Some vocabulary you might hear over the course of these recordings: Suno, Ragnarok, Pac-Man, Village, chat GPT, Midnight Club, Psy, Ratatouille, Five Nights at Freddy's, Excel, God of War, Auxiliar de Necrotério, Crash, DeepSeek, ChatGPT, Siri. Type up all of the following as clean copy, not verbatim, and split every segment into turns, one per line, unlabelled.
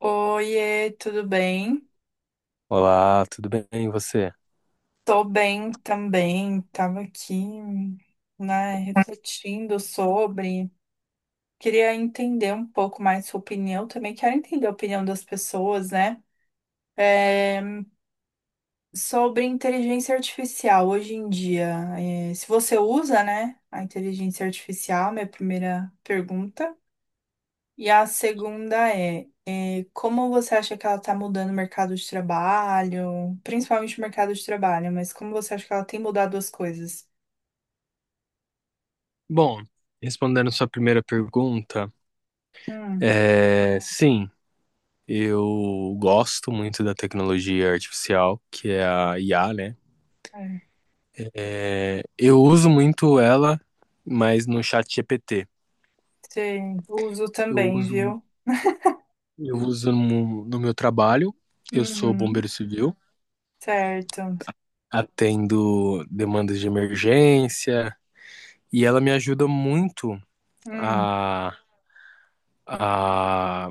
Oiê, tudo bem?
Olá, tudo bem? E você?
Tô bem também. Tava aqui, né, refletindo sobre. Queria entender um pouco mais sua opinião também. Quero entender a opinião das pessoas, né? É, sobre inteligência artificial hoje em dia. É, se você usa, né, a inteligência artificial, minha primeira pergunta. E a segunda é, como você acha que ela está mudando o mercado de trabalho, principalmente o mercado de trabalho, mas como você acha que ela tem mudado as coisas?
Bom, respondendo sua primeira pergunta,
Hum,
sim, eu gosto muito da tecnologia artificial, que é a IA, né?
é,
Eu uso muito ela, mas no chat GPT.
sim, uso
Eu
também,
uso,
viu?
eu uso no meu trabalho, eu sou bombeiro
Uhum,
civil,
certo.
atendo demandas de emergência, e ela me ajuda muito
Hum,
a, a,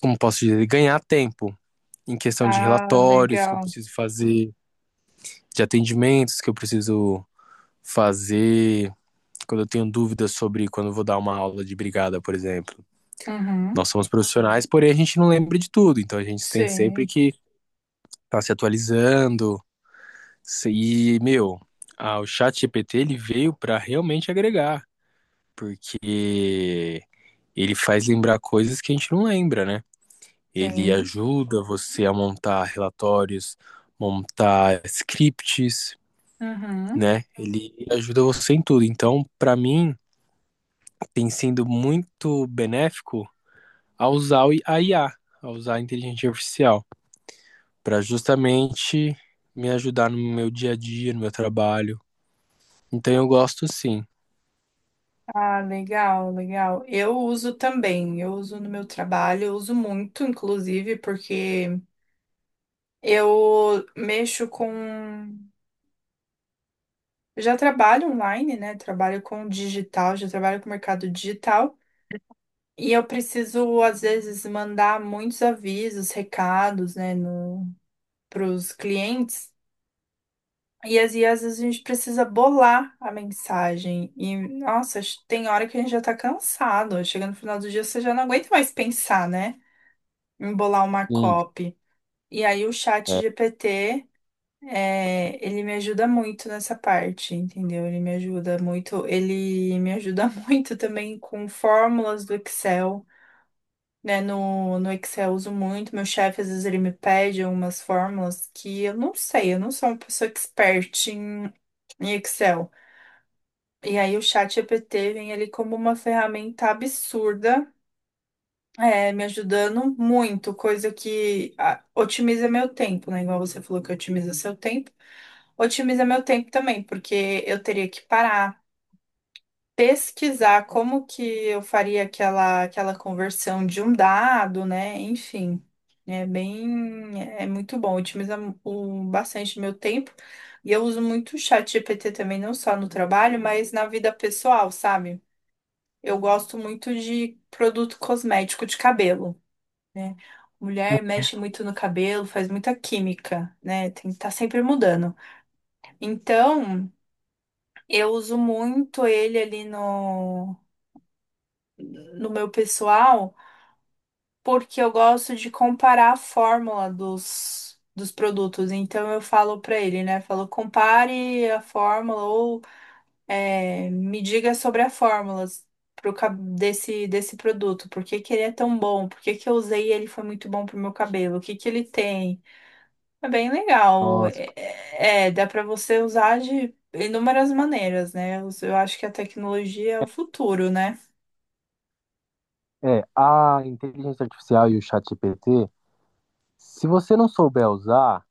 como posso dizer, ganhar tempo, em questão de
ah,
relatórios que eu
legal.
preciso fazer, de atendimentos que eu preciso fazer, quando eu tenho dúvidas sobre quando eu vou dar uma aula de brigada, por exemplo.
Uhum,
Nós somos profissionais, porém a gente não lembra de tudo, então a gente tem sempre
sim,
que estar tá se atualizando. E, meu, o chat GPT ele veio para realmente agregar, porque ele faz lembrar coisas que a gente não lembra, né? Ele
sim.
ajuda você a montar relatórios, montar scripts,
Uhum.
né? Ele ajuda você em tudo. Então, para mim, tem sido muito benéfico a usar a IA, a usar a inteligência artificial, para justamente me ajudar no meu dia a dia, no meu trabalho. Então, eu gosto sim.
Ah, legal, legal. Eu uso também, eu uso no meu trabalho, eu uso muito, inclusive, porque eu mexo com Eu já trabalho online, né? Trabalho com digital, já trabalho com mercado digital. E eu preciso, às vezes, mandar muitos avisos, recados, né, para os clientes. E às vezes a gente precisa bolar a mensagem. E, nossa, tem hora que a gente já tá cansado. Chega no final do dia, você já não aguenta mais pensar, né? Em bolar uma
Sim,
copy. E aí o chat
é.
GPT. É, ele me ajuda muito nessa parte, entendeu? Ele me ajuda muito, ele me ajuda muito também com fórmulas do Excel, né? No Excel eu uso muito, meu chefe às vezes ele me pede algumas fórmulas que eu não sei, eu não sou uma pessoa expert em, Excel. E aí o chat GPT vem ali como uma ferramenta absurda, é, me ajudando muito, coisa que ah, otimiza meu tempo, né? Igual você falou que otimiza seu tempo. Otimiza meu tempo também, porque eu teria que parar, pesquisar como que eu faria aquela conversão de um dado, né? Enfim, é bem, é muito bom, otimiza bastante meu tempo. E eu uso muito o ChatGPT também, não só no trabalho, mas na vida pessoal, sabe? Eu gosto muito de produto cosmético de cabelo, né? Mulher mexe muito no cabelo, faz muita química, né? Tem que estar sempre mudando. Então, eu uso muito ele ali no, meu pessoal, porque eu gosto de comparar a fórmula dos produtos. Então eu falo para ele, né? Falo, compare a fórmula ou é, me diga sobre a fórmula desse produto. Por que que ele é tão bom? Por que que eu usei e ele foi muito bom pro meu cabelo? O que que ele tem? É bem legal.
Nossa.
É, dá para você usar de inúmeras maneiras, né? Eu acho que a tecnologia é o futuro, né?
É, a inteligência artificial e o chat GPT, se você não souber usar,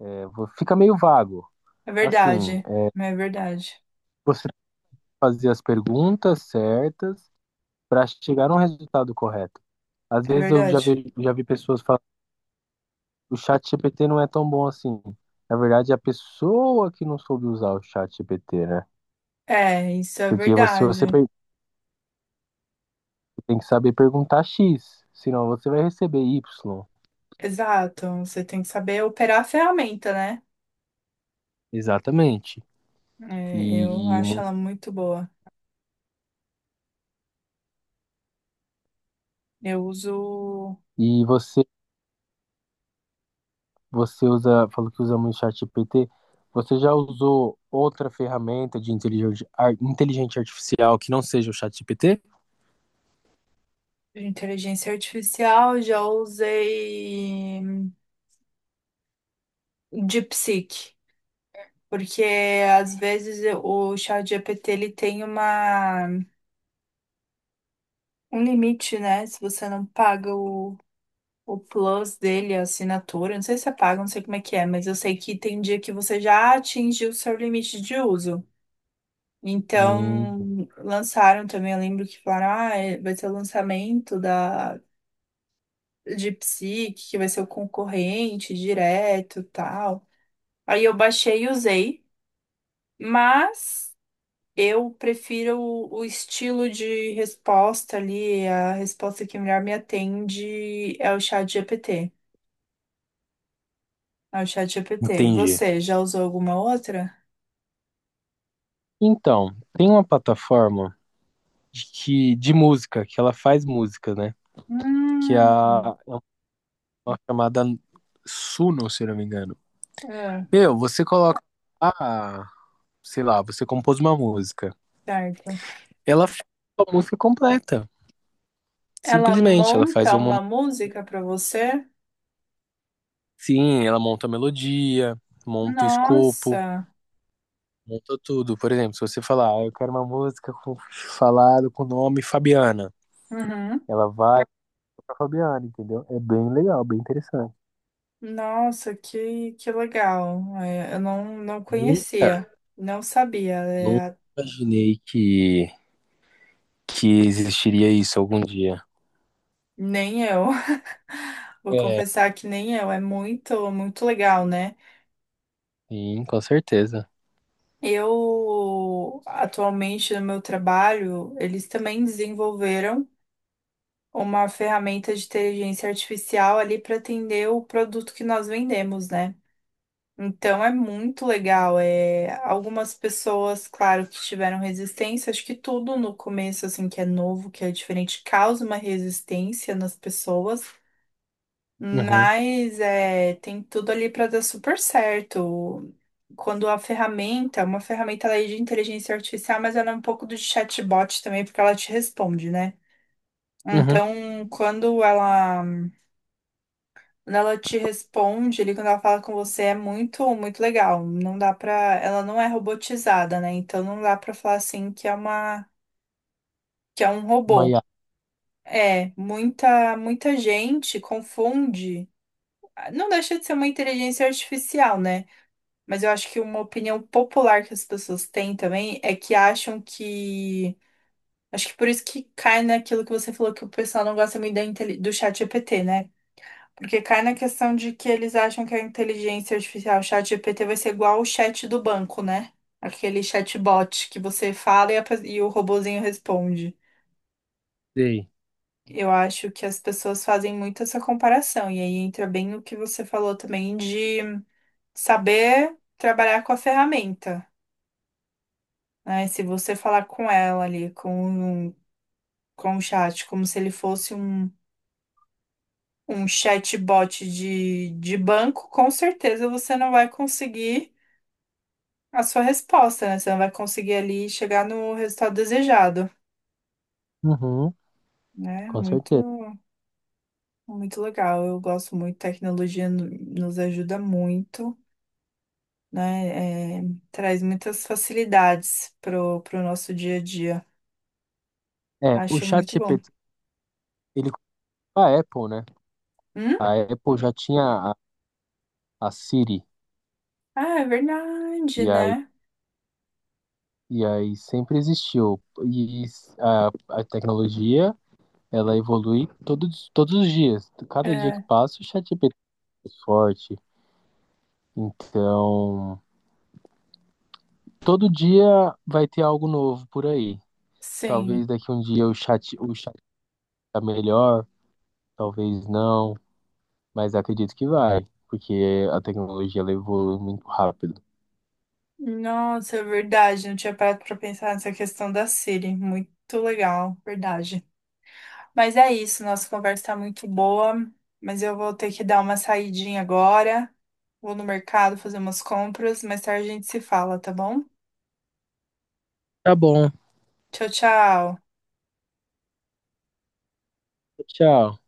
fica meio vago.
É
Assim,
verdade.
é,
É verdade.
você tem que fazer as perguntas certas para chegar num resultado correto. Às
É
vezes eu
verdade.
já vi pessoas falando, o chat GPT não é tão bom assim. Na verdade, é a pessoa que não soube usar o chat GPT, né?
É, isso é
Porque
verdade.
tem que saber perguntar X, senão você vai receber Y.
Exato. Você tem que saber operar a ferramenta, né?
Exatamente.
É, eu
E,
acho ela muito boa. Eu uso
e você usa, falou que usa muito o chat GPT. Você já usou outra ferramenta de inteligência artificial que não seja o chat GPT?
inteligência artificial, já usei DeepSeek, porque às vezes o ChatGPT ele tem uma um limite, né? Se você não paga o, plus dele, a assinatura, não sei se você paga, não sei como é que é, mas eu sei que tem dia que você já atingiu o seu limite de uso.
Hum,
Então, lançaram também, eu lembro que falaram, ah, vai ser o lançamento da de Psy, que vai ser o concorrente direto, e tal. Aí eu baixei e usei, mas eu prefiro o, estilo de resposta ali, a resposta que melhor me atende é o chat GPT. É o chat GPT. E
entendi.
você, já usou alguma outra?
Então, tem uma plataforma de música, que ela faz música, né?
Hum,
É uma chamada Suno, se não me engano.
ah,
Meu, você coloca, ah, sei lá, você compôs uma música.
certo.
Ela faz a música completa.
Ela
Simplesmente, ela faz
monta
uma.
uma música para você?
Sim, ela monta a melodia, monta o escopo,
Nossa.
monta tudo. Por exemplo, se você falar, ah, eu quero uma música com, falado com o nome Fabiana,
Uhum.
ela vai pra Fabiana, entendeu? É bem legal, bem interessante.
Nossa, que, legal. É, eu não
Nunca,
conhecia, não sabia,
nunca
é,
imaginei que existiria isso algum dia.
nem eu. Vou
É,
confessar que nem eu. É muito, muito legal, né?
sim, com certeza.
Eu, atualmente, no meu trabalho, eles também desenvolveram uma ferramenta de inteligência artificial ali para atender o produto que nós vendemos, né? Então é muito legal. É, algumas pessoas, claro, que tiveram resistência, acho que tudo no começo, assim, que é novo, que é diferente, causa uma resistência nas pessoas,
Uhum,
mas é, tem tudo ali para dar super certo quando uma ferramenta ela é de inteligência artificial, mas ela é um pouco do chatbot também, porque ela te responde, né?
uhum.
Então, quando ela te responde, ali quando ela fala com você, é muito, muito legal. Não dá pra, ela não é robotizada, né? Então não dá pra falar assim que é um robô.
Maiá,
É, muita, muita gente confunde. Não deixa de ser uma inteligência artificial, né? Mas eu acho que uma opinião popular que as pessoas têm também é que acham que Acho que por isso que cai naquilo que você falou que o pessoal não gosta muito do chat GPT, né? Porque cai na questão de que eles acham que a inteligência artificial, o chat GPT, vai ser igual o chat do banco, né? Aquele chatbot que você fala e o robozinho responde.
sei.
Eu acho que as pessoas fazem muito essa comparação. E aí entra bem o que você falou também de saber trabalhar com a ferramenta. Né? Se você falar com ela ali, com o chat, como se ele fosse um chatbot de banco, com certeza você não vai conseguir a sua resposta, né? Você não vai conseguir ali chegar no resultado desejado,
Uhum,
né?
com certeza.
Muito, muito legal. Eu gosto muito, tecnologia nos ajuda muito, né? É, traz muitas facilidades pro nosso dia a dia.
É, o
Acho muito bom.
ChatGPT, ele comprou a Apple, né?
Hum?
A Apple já tinha a, a Siri,
Ah, é verdade,
e aí,
né?
e aí sempre existiu. E a, a tecnologia, ela evolui todos os dias. Cada dia que
É,
passa, o ChatGPT é mais forte. Então, todo dia vai ter algo novo por aí. Talvez
sim.
daqui um dia o tá melhor, talvez não, mas acredito que vai, porque a tecnologia ela evolui muito rápido.
Nossa, é verdade. Não tinha parado pra pensar nessa questão da Siri. Muito legal, verdade. Mas é isso, nossa conversa tá muito boa, mas eu vou ter que dar uma saidinha agora. Vou no mercado fazer umas compras. Mais tarde a gente se fala, tá bom?
Tá bom,
Tchau, tchau.
tchau.